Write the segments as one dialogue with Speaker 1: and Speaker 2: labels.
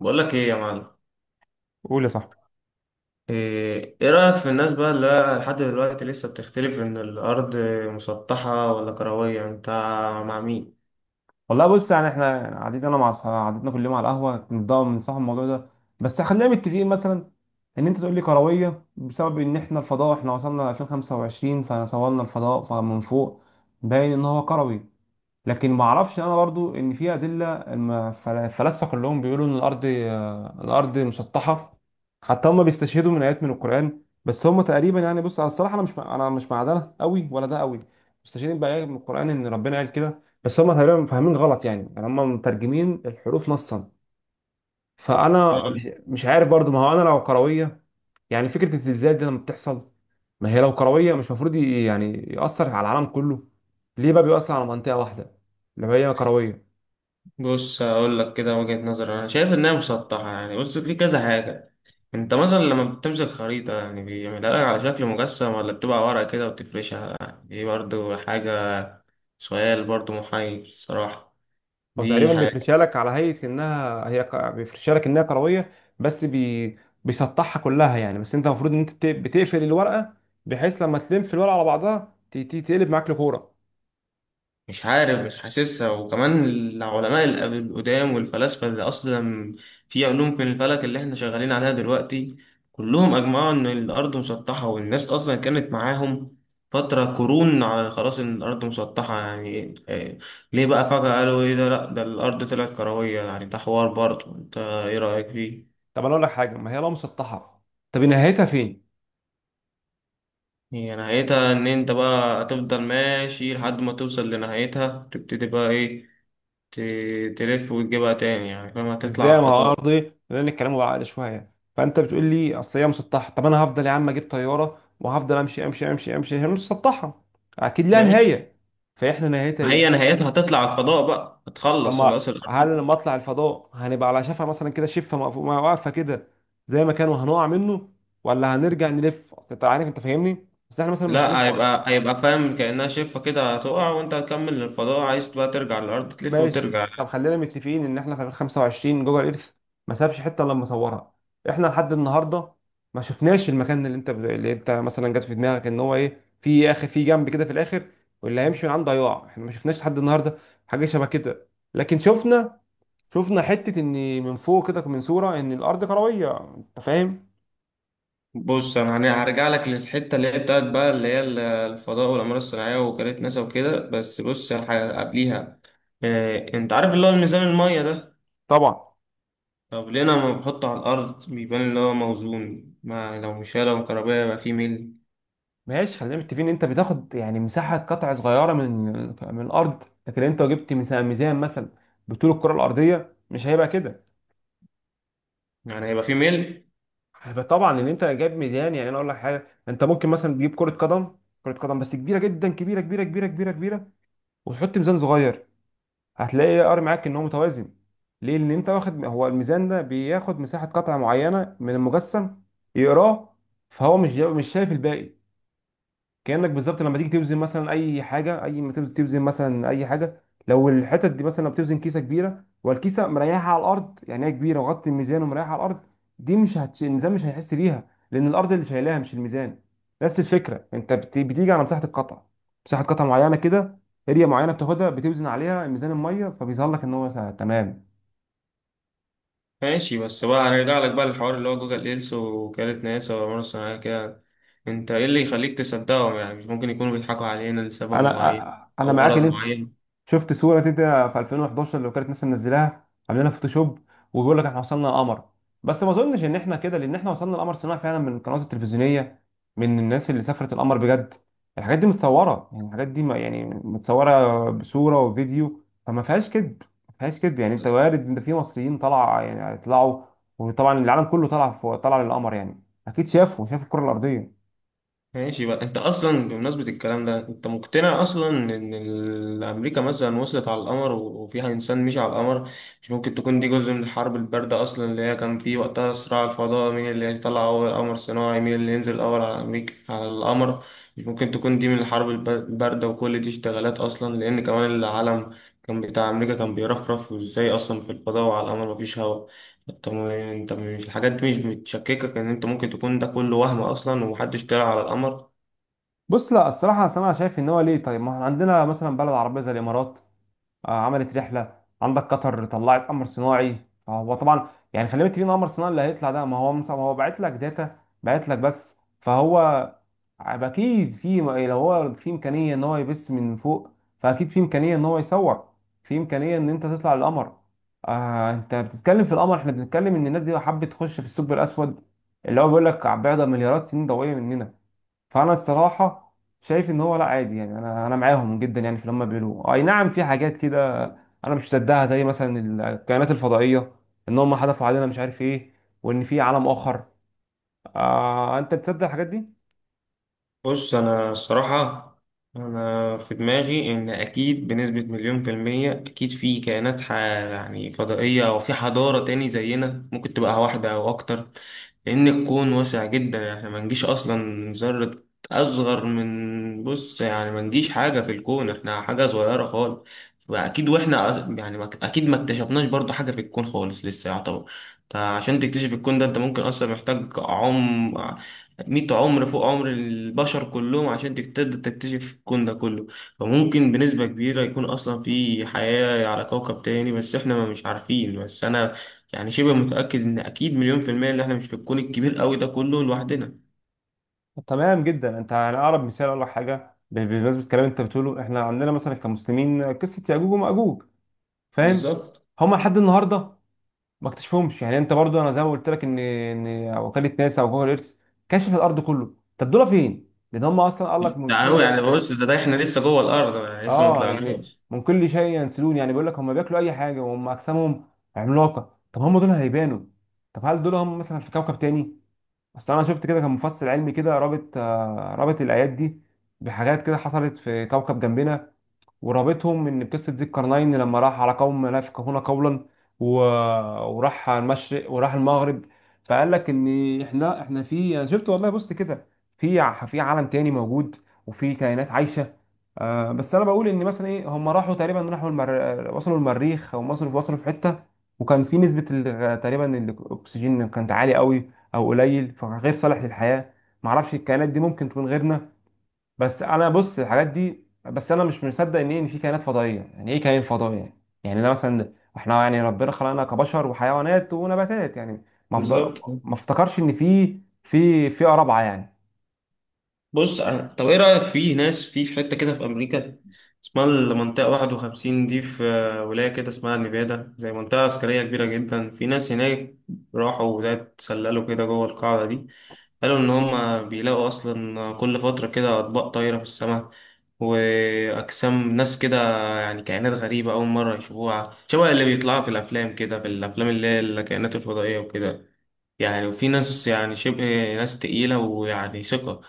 Speaker 1: بقول لك ايه يا معلم.
Speaker 2: قول يا صاحبي.
Speaker 1: ايه رأيك في الناس بقى اللي لحد دلوقتي لسه بتختلف ان الارض مسطحة ولا كروية؟ انت مع مين؟
Speaker 2: والله بص يعني احنا قعدتنا انا مع اصحابي قعدتنا كل يوم على القهوه كنت بنصحى الموضوع ده. بس خلينا متفقين مثلا ان انت تقول لي كرويه بسبب ان احنا وصلنا 2025 فصورنا الفضاء فمن فوق باين ان هو كروي. لكن ما اعرفش انا برضو ان في ادله الفلاسفه كلهم بيقولوا ان الارض مسطحه. حتى هم بيستشهدوا من ايات من القران بس هم تقريبا يعني بص على الصراحه انا مش مع ده قوي ولا ده قوي. مستشهدين بايات من القران ان ربنا قال كده بس هم تقريبا فاهمين غلط يعني هم مترجمين الحروف نصا. فانا مش
Speaker 1: طيب.
Speaker 2: مش عارف برضو ما هو انا لو كرويه. يعني فكره الزلزال دي لما بتحصل ما هي لو كرويه مش المفروض يعني ياثر على العالم كله. ليه بقى بيؤثر على منطقه واحده اللي هي كرويه؟
Speaker 1: بص هقول لك كده وجهة نظر، انا شايف انها مسطحة. يعني بص في كذا حاجة. انت مثلا لما بتمسك خريطة يعني بيعملها لك على شكل مجسم ولا بتبقى ورقة كده وبتفرشها؟ دي برضو حاجة، سؤال برضو محير الصراحة.
Speaker 2: هو
Speaker 1: دي
Speaker 2: تقريبا
Speaker 1: حاجة.
Speaker 2: بيفرشها لك على هيئة بيفرشها لك انها كروية. بس بي... بيسطحها كلها يعني بس انت المفروض ان بتقفل الورقة. بحيث لما تلم في الورقة على بعضها تقلب معاك لكورة.
Speaker 1: مش عارف مش حاسسها. وكمان العلماء القدام والفلاسفة اللي أصلا في علوم في الفلك اللي احنا شغالين عليها دلوقتي، كلهم أجمعوا إن الأرض مسطحة، والناس أصلا كانت معاهم فترة قرون على خلاص إن الأرض مسطحة. يعني ليه بقى فجأة قالوا إيه ده؟ لأ، ده الأرض طلعت كروية؟ يعني ده حوار برضه، أنت إيه رأيك فيه؟
Speaker 2: طب انا اقول لك حاجة ما هي لو مسطحة طب نهايتها فين؟
Speaker 1: هي نهايتها إن أنت بقى هتفضل ماشي لحد ما توصل لنهايتها، تبتدي بقى إيه، تلف وتجيبها تاني، يعني فاهم؟ هتطلع على
Speaker 2: ازاي ما هو
Speaker 1: الفضاء.
Speaker 2: ارضي لان الكلام بعقل شوية. فانت بتقول لي اصل هي مسطحة طب انا هفضل يا عم اجيب طيارة وهفضل امشي امشي امشي امشي هي مش مسطحة. اكيد لها
Speaker 1: ماشي.
Speaker 2: نهاية. فاحنا نهايتها
Speaker 1: ما هي
Speaker 2: ايه؟
Speaker 1: نهايتها هتطلع على الفضاء، بقى هتخلص
Speaker 2: اما
Speaker 1: خلاص الأرض.
Speaker 2: هل لما اطلع الفضاء هنبقى على شفا مثلا كده واقفه كده زي ما كان وهنقع منه ولا هنرجع نلف اصل انت عارف انت فاهمني بس احنا مثلا مش شفناش
Speaker 1: لا،
Speaker 2: بره.
Speaker 1: هيبقى فاهم كأنها شفة كده، هتقع وانت هتكمل للفضاء. عايز بقى ترجع للأرض، تلف
Speaker 2: ماشي.
Speaker 1: وترجع.
Speaker 2: طب خلينا متفقين ان احنا في 2025 جوجل ايرث ما سابش حته الا لما صورها. احنا لحد النهارده ما شفناش المكان اللي انت مثلا جت في دماغك ان هو ايه في اخر في جنب كده في الاخر. واللي هيمشي من عنده هيقع. احنا ما شفناش لحد النهارده حاجه شبه كده. لكن شفنا حتة ان من فوق كده من صورة ان الارض كروية. انت فاهم؟
Speaker 1: بص انا هرجع لك للحتة اللي هي بتاعت بقى اللي هي الفضاء والأقمار الصناعية وكالة ناسا وكده. بس بص قبليها، انت عارف اللي هو الميزان المية ده؟
Speaker 2: طبعا.
Speaker 1: طب ليه انا لما بحطه على الأرض بيبان اللي هو موزون؟ ما لو مش لو كهربائي يبقى فيه ميل،
Speaker 2: ماشي. خلينا متفقين ان انت بتاخد يعني مساحة قطع صغيرة من الارض. لكن انت لو جبت ميزان مثلا بطول الكرة الارضية مش هيبقى كده.
Speaker 1: يعني هيبقى فيه ميل.
Speaker 2: فطبعا ان انت جايب ميزان يعني انا اقول لك حاجة. انت ممكن مثلا تجيب كرة قدم. كرة قدم بس كبيرة جدا كبيرة كبيرة كبيرة كبيرة كبيرة وتحط ميزان صغير هتلاقي الار معاك ان هو متوازن. ليه؟ لان انت واخد هو الميزان ده بياخد مساحه قطعه معينه من المجسم يقراه. فهو مش شايف الباقي. كأنك بالظبط لما تيجي توزن مثلا اي حاجه اي ما تيجي توزن مثلا اي حاجه لو الحتت دي مثلا لو بتوزن كيسه كبيره والكيسه مريحه على الارض يعني هي كبيره وغطي الميزان ومريحه على الارض. دي مش هتش... الميزان مش هيحس بيها لان الارض اللي شايلاها مش الميزان. نفس الفكره بتيجي على مساحه القطعه. مساحه قطعه معينه كده اريا معينه بتاخدها بتوزن عليها ميزان الميه فبيظهر لك ان هو تمام.
Speaker 1: ماشي، بس بقى هنرجع لك بقى للحوار اللي هو جوجل لينس، وكالة ناسا ومرة صناعية كده. انت ايه اللي يخليك تصدقهم؟ يعني مش ممكن يكونوا بيضحكوا علينا لسبب معين
Speaker 2: انا انا
Speaker 1: او
Speaker 2: معاك
Speaker 1: غرض
Speaker 2: ان انت
Speaker 1: معين؟
Speaker 2: شفت صوره كده في 2011 لو كانت ناس منزلاها عاملينها فوتوشوب وبيقول لك احنا وصلنا القمر. بس ما اظنش ان احنا كده لان احنا وصلنا القمر صناعي فعلا من القنوات التلفزيونيه. من الناس اللي سافرت القمر بجد الحاجات دي متصوره يعني الحاجات دي يعني متصوره بصوره وفيديو فما فيهاش كذب. ما فيهاش كذب يعني انت وارد ان في مصريين طلع يعني طلعوا. وطبعا العالم كله طلع في طلع للقمر يعني اكيد شافوا شاف الكره الارضيه.
Speaker 1: ماشي بقى، انت اصلا بمناسبة الكلام ده، انت مقتنع اصلا ان امريكا مثلا وصلت على القمر وفيها انسان مشي على القمر؟ مش ممكن تكون دي جزء من الحرب الباردة اصلا؟ اللي هي كان في وقتها صراع الفضاء، مين اللي هيطلع اول قمر صناعي، مين اللي ينزل اول على امريكا على القمر. مش ممكن تكون دي من الحرب الباردة وكل دي اشتغالات اصلا؟ لان كمان العالم كان بتاع امريكا كان بيرفرف، وازاي اصلا في الفضاء وعلى القمر مفيش هواء. انت انت مش الحاجات دي مش بتشككك ان انت ممكن تكون ده كله وهم اصلا ومحدش طلع على القمر؟
Speaker 2: بص لا الصراحه أصل انا شايف ان هو ليه طيب ما احنا عندنا مثلا بلد عربيه زي الامارات عملت رحله. عندك قطر طلعت قمر صناعي. فهو طبعا يعني خلي بالك مين القمر الصناعي اللي هيطلع ده. ما هو هو باعت لك داتا باعت لك بس. فهو اكيد في لو هو في امكانيه ان هو يبث من فوق. فاكيد في امكانيه ان هو يصور. في امكانيه ان انت تطلع القمر. آه انت بتتكلم في القمر احنا بنتكلم ان الناس دي حابه تخش في الثقب الاسود اللي هو بيقول لك بعد مليارات سنين ضوئيه مننا. فانا الصراحه شايف ان هو لا عادي يعني انا معاهم جدا يعني في اللي هم بيقولوه. اي نعم في حاجات كده انا مش مصدقها زي مثلا الكائنات الفضائيه ان هم حدفوا علينا مش عارف ايه وان في عالم اخر. آه انت بتصدق الحاجات دي؟
Speaker 1: بص أنا الصراحة، أنا في دماغي إن أكيد بنسبة مليون في المية أكيد في كائنات يعني فضائية، أو في حضارة تاني زينا، ممكن تبقى واحدة أو أكتر. لأن الكون واسع جدا، إحنا ما نجيش أصلا ذرة أصغر من، بص يعني ما نجيش حاجة في الكون، إحنا حاجة صغيرة خالص. فأكيد وإحنا يعني أكيد ما اكتشفناش برضو حاجة في الكون خالص لسه يعتبر. أنت عشان تكتشف الكون ده، أنت ممكن أصلا محتاج عمر مية عمر فوق عمر البشر كلهم عشان تقدر تكتشف الكون ده كله. فممكن بنسبة كبيرة يكون أصلا في حياة على كوكب تاني، بس إحنا ما مش عارفين. بس أنا يعني شبه متأكد إن أكيد مليون في المية إن إحنا مش في الكون الكبير أوي ده كله لوحدنا.
Speaker 2: تمام جدا. انت يعني اقرب مثال اقول لك حاجه بمناسبه الكلام انت بتقوله. احنا عندنا مثلا كمسلمين قصه ياجوج وماجوج. فاهم؟
Speaker 1: بالظبط.
Speaker 2: هما لحد النهارده ما اكتشفهمش. يعني انت برضو انا زي ما قلت لك ان وكاله ناسا او جوجل ايرث كشفت الارض كله. طب دول فين؟ لان هم اصلا قال لك من
Speaker 1: ده هو
Speaker 2: كل.
Speaker 1: يعني، بص ده إحنا لسه جوه الأرض، يعني لسه ما
Speaker 2: اه. يعني
Speaker 1: طلعناش.
Speaker 2: من كل شيء ينسلون. يعني بيقول لك هم بياكلوا اي حاجه وهم اجسامهم عملاقه. طب هم دول هيبانوا؟ طب هل دول هم مثلا في كوكب تاني؟ اصل انا شفت كده كان مفصل علمي كده رابط الايات دي بحاجات كده حصلت في كوكب جنبنا. ورابطهم ان بقصه ذي القرنين لما راح على قوم لا يفقهون قولا و... وراح على المشرق وراح المغرب. فقال لك ان احنا في انا شفت والله بصت كده في في عالم تاني موجود. وفي كائنات عايشه. آه بس انا بقول ان مثلا ايه. هم راحوا تقريبا راحوا وصلوا المريخ او وصلوا في حته. وكان في نسبه تقريبا الاكسجين كانت عاليه قوي او قليل فغير صالح للحياه. معرفش الكائنات دي ممكن تكون غيرنا. بس انا بص الحاجات دي بس انا مش مصدق ان إيه ان في كائنات فضائيه. يعني ايه كائن فضائي يعني؟ يعني انا مثلا احنا يعني ربنا خلقنا كبشر وحيوانات ونباتات. يعني ما أفض-
Speaker 1: بالظبط.
Speaker 2: ما افتكرش ان في في رابعه يعني.
Speaker 1: طب ايه رأيك في ناس في في حتة كده في امريكا اسمها المنطقة 51 دي، في ولاية كده اسمها نيفادا، زي منطقة عسكرية كبيرة جدا. في ناس هناك راحوا زي اتسللوا كده جوه القاعدة دي، قالوا ان هم بيلاقوا اصلا كل فترة كده اطباق طايرة في السماء واجسام ناس كده، يعني كائنات غريبة اول مرة يشوفوها، شبه اللي بيطلعوا في الافلام كده، في الافلام اللي هي الكائنات الفضائية وكده. يعني وفي ناس يعني شبه ناس تقيلة ويعني ثقة.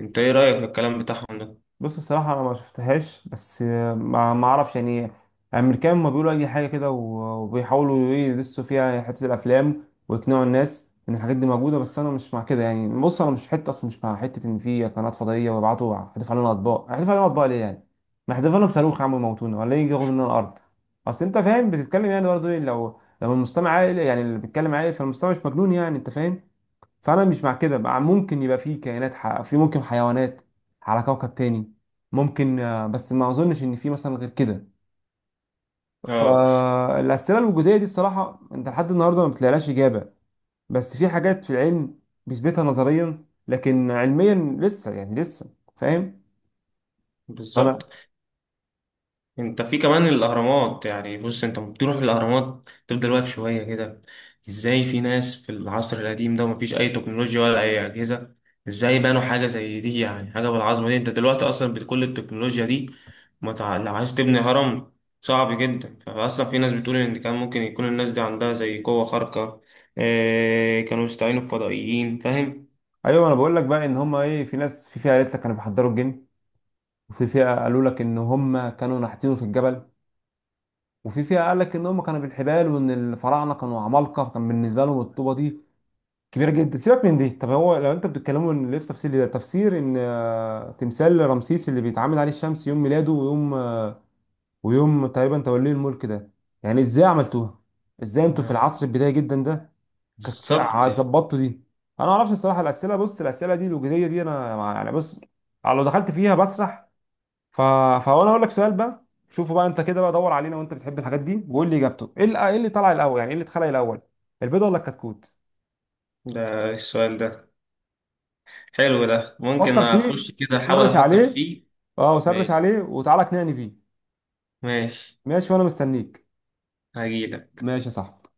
Speaker 1: انت ايه رأيك في الكلام بتاعهم ده؟
Speaker 2: بص الصراحة أنا ما شفتهاش. بس ما أعرفش يعني. الأمريكان ما بيقولوا أي حاجة كده وبيحاولوا إيه يدسوا فيها حتة الأفلام. ويقنعوا الناس إن الحاجات دي موجودة. بس أنا مش مع كده يعني بص أنا مش حتة أصلا مش مع حتة إن في قنوات فضائية ويبعتوا هتدفع لنا أطباق هتدفع لنا أطباق ليه يعني؟ ما هتدفع لنا بصاروخ يا عم يموتونا ولا يجي ياخد مننا الأرض. أصل أنت فاهم بتتكلم يعني برضه إيه لو المستمع عاقل. يعني اللي بيتكلم عاقل فالمستمع مش مجنون. يعني أنت فاهم؟ فانا مش مع كده. مع ممكن يبقى في كائنات في ممكن حيوانات على كوكب تاني ممكن. بس ما اظنش ان في مثلا غير كده.
Speaker 1: اه،
Speaker 2: فالاسئله الوجوديه دي الصراحه انت لحد النهارده ما بتلاقيلهاش اجابه. بس في حاجات في العلم بيثبتها نظريا لكن علميا لسه. يعني لسه فاهم. فانا
Speaker 1: بالظبط. انت في كمان الاهرامات، يعني بص انت بتروح الاهرامات تفضل واقف شويه كده، ازاي في ناس في العصر القديم ده مفيش اي تكنولوجيا ولا اي اجهزه، ازاي بنوا حاجه زي دي؟ يعني حاجه بالعظمه دي، انت دلوقتي اصلا بكل التكنولوجيا دي ما تع... لو عايز تبني هرم صعب جدا. فاصلا في ناس بتقول ان كان ممكن يكون الناس دي عندها زي قوه خارقه، اه... كانوا يستعينوا بفضائيين، فاهم؟
Speaker 2: ايوه. انا بقول لك بقى ان هم ايه. في ناس في فئه قالت لك كانوا بيحضروا الجن. وفي فئه قالوا لك ان هم كانوا نحتينه في الجبل. وفي فئه قال لك ان هم كانوا بالحبال وان الفراعنه كانوا عمالقه كان بالنسبه لهم الطوبه دي كبيره جدا. سيبك من دي. طب هو لو انت بتتكلموا ان لقيتوا تفسير ده تفسير ان تمثال رمسيس اللي بيتعامد عليه الشمس يوم ميلاده ويوم ويوم تقريبا توليه الملك ده. يعني ازاي عملتوها. ازاي انتوا في
Speaker 1: آه،
Speaker 2: العصر البدايه جدا ده
Speaker 1: بالظبط.
Speaker 2: ظبطتوا دي. انا ما اعرفش الصراحه الاسئله بص الاسئله دي الوجوديه دي انا يعني بص لو دخلت فيها بسرح ف... فانا اقول لك سؤال بقى. شوفوا بقى انت كده بقى دور علينا وانت بتحب الحاجات دي وقول لي اجابته ايه اللي طلع الاول. يعني ايه اللي اتخلق الاول البيضه ولا الكتكوت؟
Speaker 1: ده السؤال ده حلو، ده ممكن
Speaker 2: فكر فيه.
Speaker 1: اخش كده احاول
Speaker 2: سرش
Speaker 1: افكر
Speaker 2: عليه.
Speaker 1: فيه.
Speaker 2: اه. وسرش
Speaker 1: ماشي،
Speaker 2: عليه وتعالى اقنعني بيه.
Speaker 1: ماشي،
Speaker 2: ماشي. وانا مستنيك.
Speaker 1: هجيلك.
Speaker 2: ماشي يا صاحبي.